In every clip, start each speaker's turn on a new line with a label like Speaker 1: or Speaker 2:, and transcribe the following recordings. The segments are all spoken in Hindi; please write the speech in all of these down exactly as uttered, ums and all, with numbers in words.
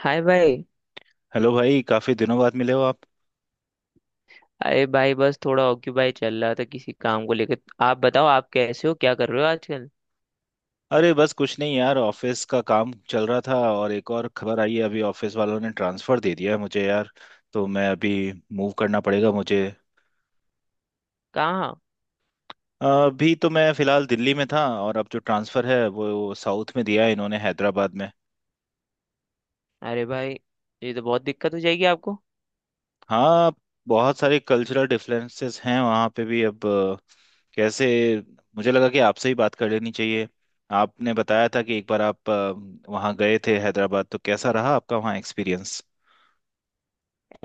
Speaker 1: हाय भाई।
Speaker 2: हेलो भाई, काफी दिनों बाद मिले हो आप।
Speaker 1: अरे भाई, बस थोड़ा ऑक्यूपाई चल रहा था किसी काम को लेकर। आप बताओ, आप कैसे हो, क्या कर रहे हो आजकल?
Speaker 2: अरे बस कुछ नहीं यार, ऑफिस का काम चल रहा था। और एक और खबर आई है, अभी ऑफिस वालों ने ट्रांसफर दे दिया है मुझे यार। तो मैं अभी मूव करना पड़ेगा मुझे।
Speaker 1: कहाँ?
Speaker 2: अ, अभी तो मैं फिलहाल दिल्ली में था, और अब जो ट्रांसफर है वो साउथ में दिया है इन्होंने, हैदराबाद में।
Speaker 1: अरे भाई, ये तो बहुत दिक्कत हो जाएगी आपको।
Speaker 2: हाँ, बहुत सारे कल्चरल डिफरेंसेस हैं वहाँ पे भी अब। अ, कैसे, मुझे लगा कि आपसे ही बात कर लेनी चाहिए। आपने बताया था कि एक बार आप अ, वहाँ गए थे हैदराबाद, तो कैसा रहा आपका वहाँ एक्सपीरियंस।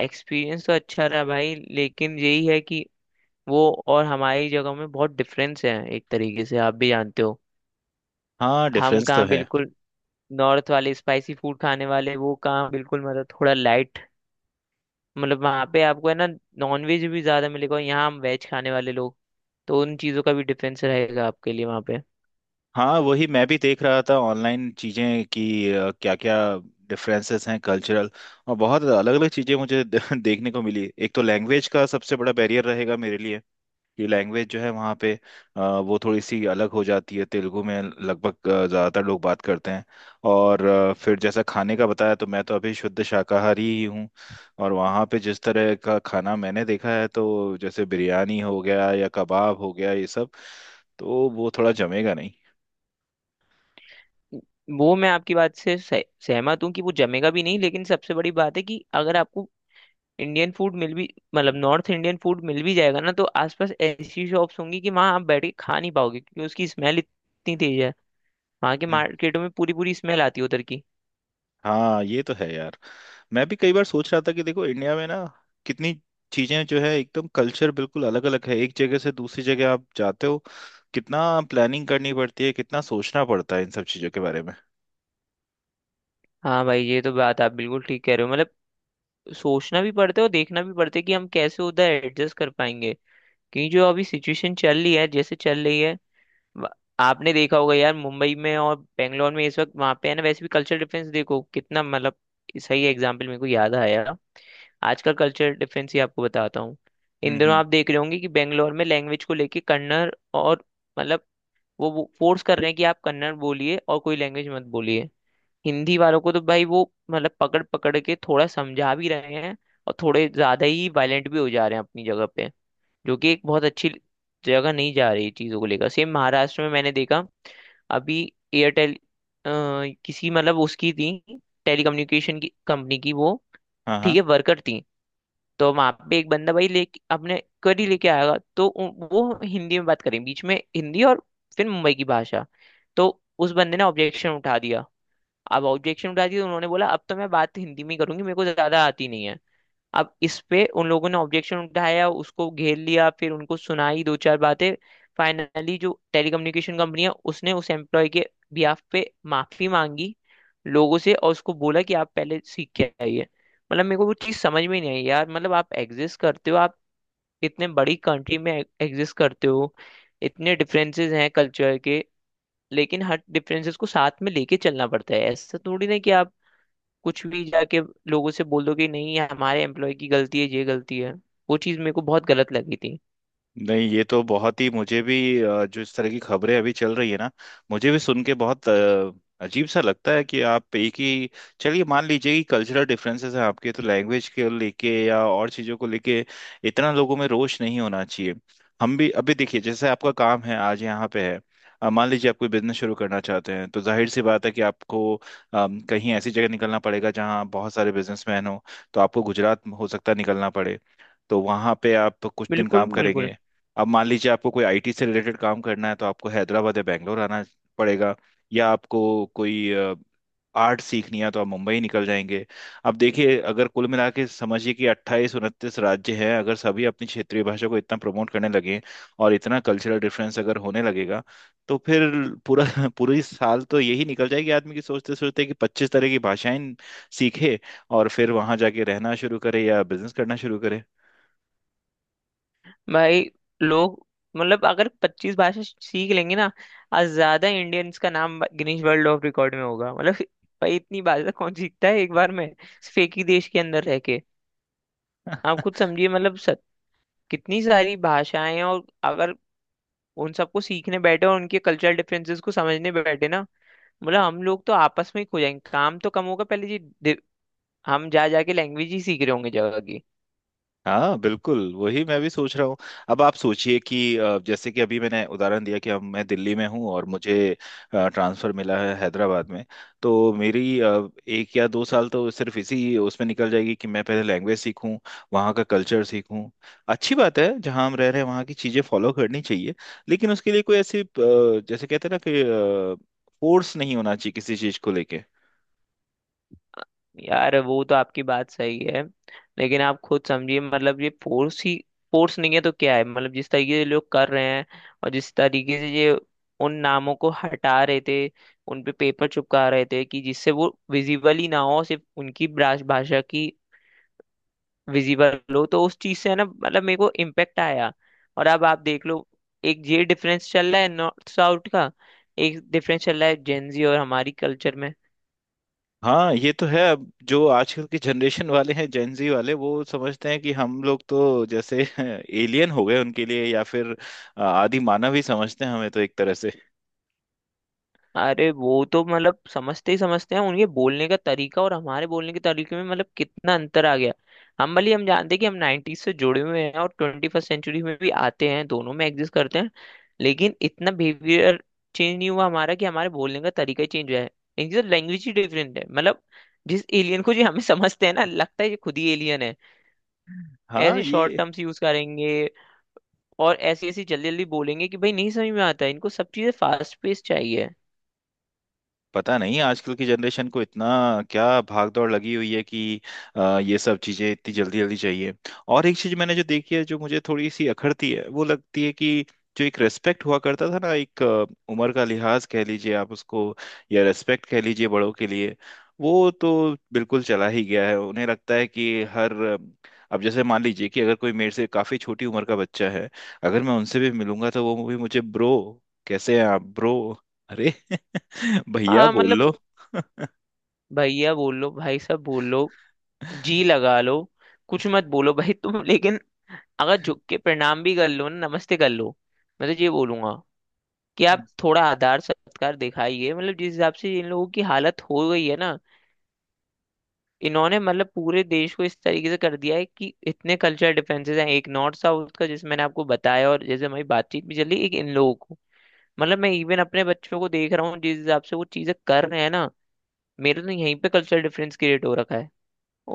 Speaker 1: एक्सपीरियंस तो अच्छा रहा भाई, लेकिन यही है कि वो और हमारी जगह में बहुत डिफरेंस है, एक तरीके से आप भी जानते हो।
Speaker 2: हाँ,
Speaker 1: हम
Speaker 2: डिफरेंस तो
Speaker 1: कहाँ
Speaker 2: है।
Speaker 1: बिल्कुल नॉर्थ वाले स्पाइसी फूड खाने वाले, वो कहाँ बिल्कुल, मतलब थोड़ा लाइट। मतलब वहाँ पे आपको है ना, नॉन वेज भी ज़्यादा मिलेगा और यहाँ हम वेज खाने वाले लोग। तो उन चीज़ों का भी डिफरेंस रहेगा आपके लिए वहाँ पे।
Speaker 2: हाँ, वही मैं भी देख रहा था ऑनलाइन चीज़ें कि क्या क्या डिफरेंसेस हैं कल्चरल, और बहुत अलग अलग चीज़ें मुझे देखने को मिली। एक तो लैंग्वेज का सबसे बड़ा बैरियर रहेगा मेरे लिए। कि लैंग्वेज जो है वहाँ पे अ, वो थोड़ी सी अलग हो जाती है, तेलुगु में लगभग अ, ज़्यादातर लोग बात करते हैं। और अ, फिर जैसा खाने का बताया, तो मैं तो अभी शुद्ध शाकाहारी ही हूँ। और वहाँ पे जिस तरह का खाना मैंने देखा है, तो जैसे बिरयानी हो गया या कबाब हो गया ये सब, तो वो थोड़ा जमेगा नहीं।
Speaker 1: वो मैं आपकी बात से सह, सहमत हूँ कि वो जमेगा भी नहीं, लेकिन सबसे बड़ी बात है कि अगर आपको इंडियन फूड मिल भी, मतलब नॉर्थ इंडियन फूड मिल भी जाएगा ना, तो आसपास ऐसी शॉप्स होंगी कि वहाँ आप बैठ के खा नहीं पाओगे, क्योंकि उसकी स्मेल इतनी तेज है। वहाँ के मार्केटों में पूरी पूरी स्मेल आती है उधर की।
Speaker 2: हाँ, ये तो है यार। मैं भी कई बार सोच रहा था कि देखो, इंडिया में ना कितनी चीजें जो है एकदम कल्चर बिल्कुल अलग अलग है, एक जगह से दूसरी जगह आप जाते हो। कितना प्लानिंग करनी पड़ती है, कितना सोचना पड़ता है इन सब चीजों के बारे में।
Speaker 1: हाँ भाई, ये तो बात आप बिल्कुल ठीक कह रहे हो। मतलब सोचना भी पड़ता है और देखना भी पड़ता है कि हम कैसे उधर एडजस्ट कर पाएंगे, क्योंकि जो अभी सिचुएशन चल रही है जैसे चल रही है। व- आपने देखा होगा यार, मुंबई में और बेंगलोर में इस वक्त वहां पे है ना, वैसे भी कल्चर डिफरेंस देखो कितना, मतलब सही एग्जाम्पल मेरे को याद आया। आजकल कल्चर डिफरेंस ही आपको बताता हूँ।
Speaker 2: हम्म,
Speaker 1: इन दिनों
Speaker 2: हम्म।
Speaker 1: आप देख रहे होंगे कि बेंगलोर में लैंग्वेज को लेके कन्नड़, और, मतलब, वो फोर्स कर रहे हैं कि आप कन्नड़ बोलिए और कोई लैंग्वेज मत बोलिए। हिंदी वालों को तो भाई वो मतलब पकड़ पकड़ के थोड़ा समझा भी रहे हैं, और थोड़े ज्यादा ही वायलेंट भी हो जा रहे हैं अपनी जगह पे, जो कि एक बहुत अच्छी जगह नहीं जा रही चीज़ों को लेकर। सेम महाराष्ट्र में मैंने देखा अभी, एयरटेल किसी मतलब उसकी थी, टेलीकम्युनिकेशन की कंपनी की वो,
Speaker 2: हाँ,
Speaker 1: ठीक
Speaker 2: हाँ।
Speaker 1: है, वर्कर थी। तो वहां पे एक बंदा भाई लेके अपने करी लेके आएगा, तो उ- वो हिंदी में बात करें, बीच में हिंदी और फिर मुंबई की भाषा। तो उस बंदे ने ऑब्जेक्शन उठा दिया। अब ऑब्जेक्शन उठा दिया तो उन्होंने बोला अब तो मैं बात हिंदी में ही करूंगी, मेरे को ज्यादा आती नहीं है। अब इस पे उन लोगों ने ऑब्जेक्शन उठाया, उसको घेर लिया, फिर उनको सुनाई दो चार बातें। फाइनली जो टेलीकम्युनिकेशन कंपनी है, उसने उस एम्प्लॉय के बिहाफ पे माफी मांगी लोगों से, और उसको बोला कि आप पहले सीख के आइए। मतलब मेरे को वो चीज़ समझ में नहीं आई यार। मतलब आप एग्जिस्ट करते हो, आप इतने बड़ी कंट्री में एग्जिस्ट करते हो, इतने डिफरेंसेस हैं कल्चर के, लेकिन हर डिफरेंसेस को साथ में लेके चलना पड़ता है। ऐसा थोड़ी ना कि आप कुछ भी जाके लोगों से बोल दो कि नहीं, ये हमारे एम्प्लॉय की गलती है, ये गलती है। वो चीज़ मेरे को बहुत गलत लगी थी।
Speaker 2: नहीं, ये तो बहुत ही मुझे भी। अ, जो इस तरह की खबरें अभी चल रही है ना, मुझे भी सुन के बहुत अ, अजीब सा लगता है कि आप एक ही। चलिए, मान लीजिए कि कल्चरल डिफरेंसेस हैं आपके, तो लैंग्वेज के लेके या और चीज़ों को लेके, इतना लोगों में रोष नहीं होना चाहिए। हम भी अभी देखिए, जैसे आपका काम है आज यहाँ पे है। अ, मान लीजिए आप कोई बिजनेस शुरू करना चाहते हैं, तो जाहिर सी बात है कि आपको अम, कहीं ऐसी जगह निकलना पड़ेगा जहाँ बहुत सारे बिजनेसमैन हो। तो आपको गुजरात हो सकता है निकलना पड़े, तो वहां पे आप कुछ दिन
Speaker 1: बिल्कुल,
Speaker 2: काम करेंगे।
Speaker 1: बिल्कुल।
Speaker 2: अब मान लीजिए आपको कोई आईटी से रिलेटेड काम करना है, तो आपको हैदराबाद या बैंगलोर आना पड़ेगा। या आपको कोई आर्ट सीखनी है, तो आप मुंबई निकल जाएंगे। अब देखिए, अगर कुल मिला के समझिए कि अट्ठाईस उनतीस राज्य हैं, अगर सभी अपनी क्षेत्रीय भाषा को इतना प्रमोट करने लगे और इतना कल्चरल डिफरेंस अगर होने लगेगा, तो फिर पूरा पूरी साल तो यही निकल जाएगी आदमी की, सोचते सोचते कि पच्चीस तरह की भाषाएं सीखे और फिर वहां जाके रहना शुरू करे या बिजनेस करना शुरू करे।
Speaker 1: भाई लोग, मतलब अगर पच्चीस भाषा सीख लेंगे ना, आज ज्यादा इंडियंस का नाम गिनीज वर्ल्ड ऑफ रिकॉर्ड में होगा। मतलब भाई, इतनी भाषा कौन सीखता है एक बार में सिर्फ एक ही देश के अंदर रह के? आप खुद समझिए, मतलब सत, कितनी सारी भाषाएं हैं, और अगर उन सबको सीखने बैठे और उनके कल्चरल डिफरेंसेस को समझने बैठे ना, मतलब हम लोग तो आपस में ही खो जाएंगे, काम तो कम होगा पहले जी। हम जा जाके लैंग्वेज ही सीख रहे होंगे जगह की।
Speaker 2: हाँ, बिल्कुल वही मैं भी सोच रहा हूँ। अब आप सोचिए कि अ, जैसे कि अभी मैंने उदाहरण दिया कि हम मैं दिल्ली में हूँ और मुझे ट्रांसफर मिला है हैदराबाद में। तो मेरी अ, एक या दो साल तो सिर्फ इसी उसमें निकल जाएगी कि मैं पहले लैंग्वेज सीखूँ, वहाँ का कल्चर सीखूँ। अच्छी बात है जहाँ हम रह रहे हैं वहाँ की चीज़ें फॉलो करनी चाहिए। लेकिन उसके लिए कोई ऐसी अ, जैसे कहते हैं ना कि फोर्स नहीं होना चाहिए किसी चीज़ को लेके।
Speaker 1: यार वो तो आपकी बात सही है, लेकिन आप खुद समझिए, मतलब ये फोर्स ही, फोर्स नहीं है तो क्या है? मतलब जिस तरीके से लोग कर रहे हैं, और जिस तरीके से ये उन नामों को हटा रहे थे, उन पे पेपर चिपका रहे थे कि जिससे वो विजिबल ही ना हो, सिर्फ उनकी ब्रास- भाषा की विजिबल हो, तो उस चीज से है ना, मतलब मेरे को इम्पेक्ट आया। और अब आप देख लो, एक ये डिफरेंस चल रहा है नॉर्थ साउथ का, एक डिफरेंस चल रहा है जेंजी और हमारी कल्चर में।
Speaker 2: हाँ, ये तो है। अब जो आजकल के जनरेशन वाले हैं, जेनजी वाले, वो समझते हैं कि हम लोग तो जैसे एलियन हो गए उनके लिए, या फिर आदि मानव ही समझते हैं हमें तो एक तरह से।
Speaker 1: अरे वो तो मतलब समझते ही समझते हैं। उनके बोलने का तरीका और हमारे बोलने के तरीके में मतलब कितना अंतर आ गया। हम भले ही हम जानते हैं कि हम नाइंटीज़ से जुड़े हुए हैं और ट्वेंटी फर्स्ट सेंचुरी में भी आते हैं, दोनों में एग्जिस्ट करते हैं, लेकिन इतना बिहेवियर चेंज नहीं हुआ हमारा, कि हमारे बोलने का तरीका ही चेंज हुआ है। इनकी तो लैंग्वेज ही डिफरेंट है, मतलब जिस एलियन को जी हमें समझते हैं ना, लगता है ये खुद ही एलियन है।
Speaker 2: हाँ,
Speaker 1: ऐसे शॉर्ट
Speaker 2: ये
Speaker 1: टर्म्स यूज करेंगे, और ऐसी ऐसी जल्दी जल्दी बोलेंगे कि भाई नहीं समझ में आता है। इनको सब चीजें फास्ट पेस चाहिए।
Speaker 2: पता नहीं आजकल की जनरेशन को इतना क्या भाग दौड़ लगी हुई है कि अ, ये सब चीजें इतनी जल्दी जल्दी चाहिए। और एक चीज मैंने जो देखी है जो मुझे थोड़ी सी अखरती है, वो लगती है कि जो एक रेस्पेक्ट हुआ करता था ना, एक अ, उम्र का लिहाज कह लीजिए आप उसको, या रेस्पेक्ट कह लीजिए बड़ों के लिए, वो तो बिल्कुल चला ही गया है। उन्हें लगता है कि हर। अब जैसे मान लीजिए कि अगर कोई मेरे से काफी छोटी उम्र का बच्चा है, अगर मैं उनसे भी मिलूंगा तो वो भी मुझे ब्रो, कैसे हैं आप ब्रो। अरे भैया
Speaker 1: हाँ
Speaker 2: बोल
Speaker 1: मतलब,
Speaker 2: लो।
Speaker 1: भैया बोलो, भाई साहब बोलो, जी लगा लो, कुछ मत बोलो भाई तुम, लेकिन अगर झुक के प्रणाम भी कर लो ना, नमस्ते कर लो। मैं तो ये बोलूंगा कि आप थोड़ा आदर सत्कार दिखाइए। मतलब जिस हिसाब से इन लोगों की हालत हो गई है ना, इन्होंने मतलब पूरे देश को इस तरीके से कर दिया है, कि इतने कल्चरल डिफरेंसेस हैं, एक नॉर्थ साउथ का जिस मैंने आपको बताया, और जैसे हमारी बातचीत भी चली, एक इन लोगों को। मतलब मैं इवन अपने बच्चों को देख रहा हूँ जिस हिसाब से वो चीजें कर रहे हैं ना, मेरे तो यहीं पे कल्चरल डिफरेंस क्रिएट हो रखा है।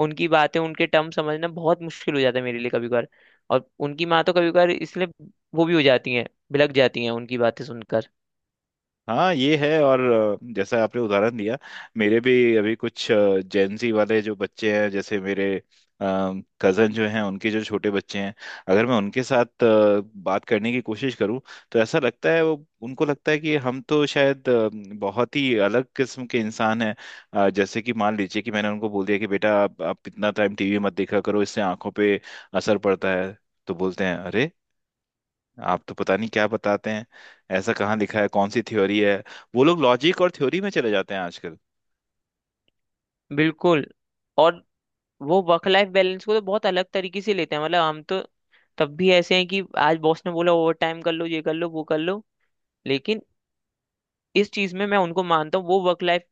Speaker 1: उनकी बातें, उनके टर्म समझना बहुत मुश्किल हो जाता है मेरे लिए कभी कभार। और उनकी माँ तो कभी कभार इसलिए वो भी हो जाती हैं, भिलक जाती हैं उनकी बातें सुनकर।
Speaker 2: हाँ, ये है। और अ, जैसा आपने उदाहरण दिया, मेरे भी अभी कुछ जेनजी वाले जो बच्चे हैं, जैसे मेरे कजन जो हैं उनके जो छोटे बच्चे हैं, अगर मैं उनके साथ अ, बात करने की कोशिश करूं, तो ऐसा लगता है वो, उनको लगता है कि हम तो शायद अ, बहुत ही अलग किस्म के इंसान हैं। अ, जैसे कि मान लीजिए कि मैंने उनको बोल दिया कि बेटा आप, आप इतना टाइम टीवी मत देखा करो, इससे आंखों पे असर पड़ता है। तो बोलते हैं, अरे आप तो पता नहीं क्या बताते हैं, ऐसा कहाँ लिखा है, कौन सी थ्योरी है। वो लोग लॉजिक और थ्योरी में चले जाते हैं आजकल।
Speaker 1: बिल्कुल। और वो वर्क लाइफ बैलेंस को तो बहुत अलग तरीके से लेते हैं। मतलब हम तो तब भी ऐसे हैं कि आज बॉस ने बोला ओवर टाइम कर लो, ये कर लो, वो कर लो, लेकिन इस चीज में मैं उनको मानता हूँ, वो वर्क लाइफ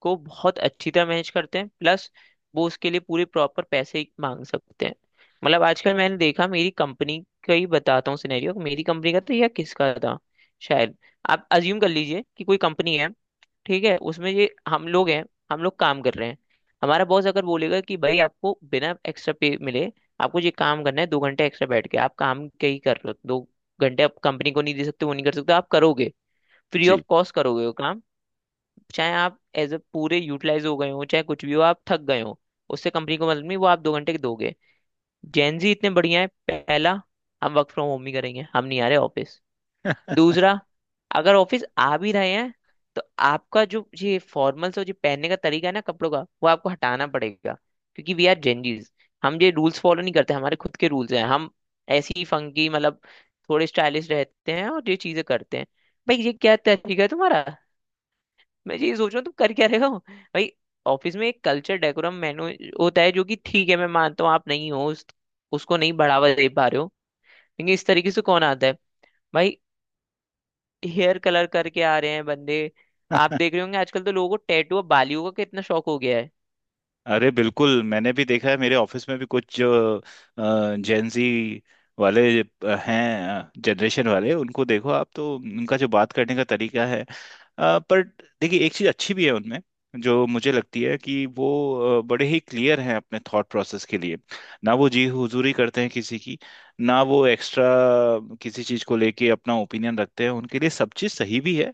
Speaker 1: को बहुत अच्छी तरह मैनेज करते हैं। प्लस वो उसके लिए पूरे प्रॉपर पैसे मांग सकते हैं। मतलब आजकल मैंने देखा, मेरी कंपनी का ही बताता हूँ सिनेरियो, मेरी कंपनी का था या किसका था शायद। आप अज्यूम कर लीजिए कि कोई कंपनी है, ठीक है, उसमें ये हम लोग हैं, हम लोग काम कर रहे हैं। हमारा बॉस अगर बोलेगा कि भाई आपको बिना एक्स्ट्रा पे मिले आपको ये काम करना है, दो घंटे एक्स्ट्रा बैठ के, आप काम क्या ही कर रहे हो, दो घंटे आप कंपनी को नहीं दे सकते? वो नहीं कर सकते। आप करोगे, फ्री ऑफ
Speaker 2: जी।
Speaker 1: कॉस्ट करोगे वो काम। चाहे आप एज अ पूरे यूटिलाइज हो गए हो, चाहे कुछ भी हो, आप थक गए हो, उससे कंपनी को मतलब नहीं, वो आप दो घंटे के दोगे। जेनजी इतने बढ़िया है, पहला, हम वर्क फ्रॉम होम ही करेंगे, हम नहीं आ रहे ऑफिस। दूसरा, अगर ऑफिस आ भी रहे हैं, तो आपका जो ये फॉर्मल्स और जो पहनने का तरीका है ना कपड़ों का, वो आपको हटाना पड़ेगा, क्योंकि वी आर जेनजीज। हम ये रूल्स फॉलो नहीं करते, हमारे खुद के रूल्स हैं, हम ऐसे ही फंकी, मतलब थोड़े स्टाइलिश रहते हैं और ये चीजें करते हैं। भाई ये क्या तरीका है तुम्हारा? मैं यही सोच रहा हूँ तुम कर क्या रहे हो भाई? ऑफिस में एक कल्चर डेकोरम मेनू होता है जो कि, ठीक है मैं मानता हूँ आप नहीं हो, उस, उसको नहीं बढ़ावा दे पा रहे हो, लेकिन इस तरीके से कौन आता है भाई? हेयर कलर करके आ रहे हैं बंदे। आप देख रहे होंगे आजकल तो लोगों को टैटू और बालियों का कितना शौक हो गया है।
Speaker 2: अरे बिल्कुल, मैंने भी देखा है मेरे ऑफिस में भी कुछ जो जेंजी वाले अ, हैं जनरेशन वाले, उनको देखो आप तो उनका जो बात करने का तरीका है अ, पर देखिए, एक चीज़ अच्छी भी है उनमें, जो मुझे लगती है कि वो अ, बड़े ही क्लियर हैं अपने थॉट प्रोसेस के लिए। ना वो जी हुजूरी करते हैं किसी की, ना वो एक्स्ट्रा किसी चीज़ को लेके अपना ओपिनियन रखते हैं। उनके लिए सब चीज़ सही भी है,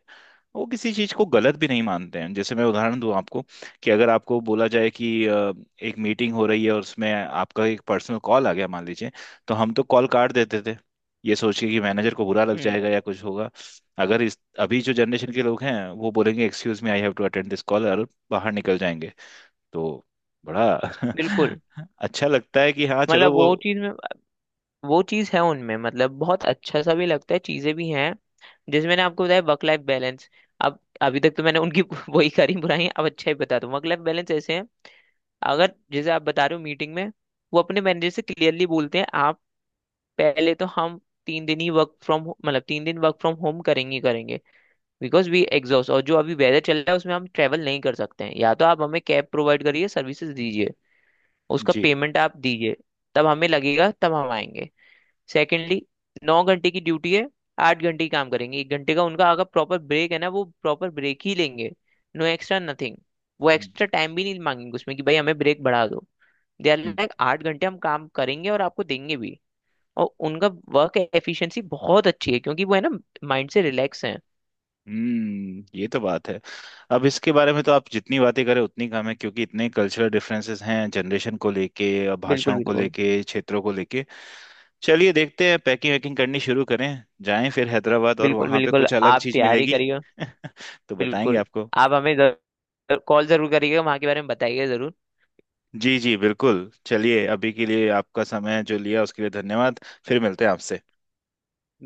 Speaker 2: वो किसी चीज को गलत भी नहीं मानते हैं। जैसे मैं उदाहरण दूं आपको, कि अगर आपको बोला जाए कि अ, एक मीटिंग हो रही है और उसमें आपका एक पर्सनल कॉल आ गया मान लीजिए, तो हम तो कॉल काट देते थे, ये सोच के कि मैनेजर को बुरा लग
Speaker 1: हम्म।
Speaker 2: जाएगा या कुछ होगा। अगर इस अभी जो जनरेशन के लोग हैं वो बोलेंगे, excuse me I have to attend this call, और बाहर निकल जाएंगे। तो बड़ा
Speaker 1: बिल्कुल,
Speaker 2: अच्छा लगता है कि हाँ, चलो
Speaker 1: मतलब
Speaker 2: वो।
Speaker 1: वो चीज में, वो चीज है उनमें, मतलब बहुत अच्छा सा भी लगता है, चीजें भी हैं। जैसे मैंने आपको बताया वर्क लाइफ बैलेंस, अब अभी तक तो मैंने उनकी वही करी बुराई, अब अच्छा ही बता दूं। वर्क लाइफ बैलेंस ऐसे है, अगर जैसे आप बता रहे हो मीटिंग में, वो अपने मैनेजर से क्लियरली बोलते हैं। आप पहले तो हम तीन दिन ही वर्क फ्रॉम मतलब तीन दिन वर्क फ्रॉम होम करेंगे ही करेंगे। बिकॉज वी एग्जॉस्ट, और जो अभी वेदर चल रहा है उसमें हम ट्रैवल नहीं कर सकते हैं, या तो आप हमें कैब प्रोवाइड करिए, सर्विसेज दीजिए, उसका
Speaker 2: जी।
Speaker 1: पेमेंट आप दीजिए। तब हमें लगेगा, तब हम आएंगे। सेकेंडली, नौ घंटे की ड्यूटी है, आठ घंटे ही काम करेंगे। एक घंटे का उनका अगर प्रॉपर ब्रेक है ना, वो प्रॉपर ब्रेक ही लेंगे। No extra nothing. वो एक्स्ट्रा टाइम भी नहीं मांगेंगे उसमें कि भाई हमें ब्रेक बढ़ा दो। दे आर लाइक आठ घंटे हम काम करेंगे और आपको देंगे भी। और उनका वर्क एफिशिएंसी बहुत अच्छी है, क्योंकि वो है ना, माइंड से रिलैक्स हैं।
Speaker 2: हम्म, ये तो बात है। अब इसके बारे में तो आप जितनी बातें करें उतनी कम है, क्योंकि इतने कल्चरल डिफरेंसेस हैं जनरेशन को लेके,
Speaker 1: बिल्कुल,
Speaker 2: भाषाओं को
Speaker 1: बिल्कुल।
Speaker 2: लेके, क्षेत्रों को लेके। चलिए, देखते हैं पैकिंग वैकिंग करनी शुरू करें, जाएं फिर हैदराबाद, और
Speaker 1: बिल्कुल
Speaker 2: वहां पे
Speaker 1: बिल्कुल।
Speaker 2: कुछ अलग
Speaker 1: आप
Speaker 2: चीज
Speaker 1: तैयारी
Speaker 2: मिलेगी
Speaker 1: करिएगा।
Speaker 2: तो बताएंगे
Speaker 1: बिल्कुल।
Speaker 2: आपको।
Speaker 1: आप हमें कॉल जरूर करिएगा, वहाँ के बारे में बताइएगा जरूर।
Speaker 2: जी जी, बिल्कुल। चलिए, अभी के लिए आपका समय जो लिया उसके लिए धन्यवाद। फिर मिलते हैं आपसे।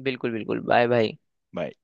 Speaker 1: बिल्कुल बिल्कुल। Bye bye.
Speaker 2: बाय।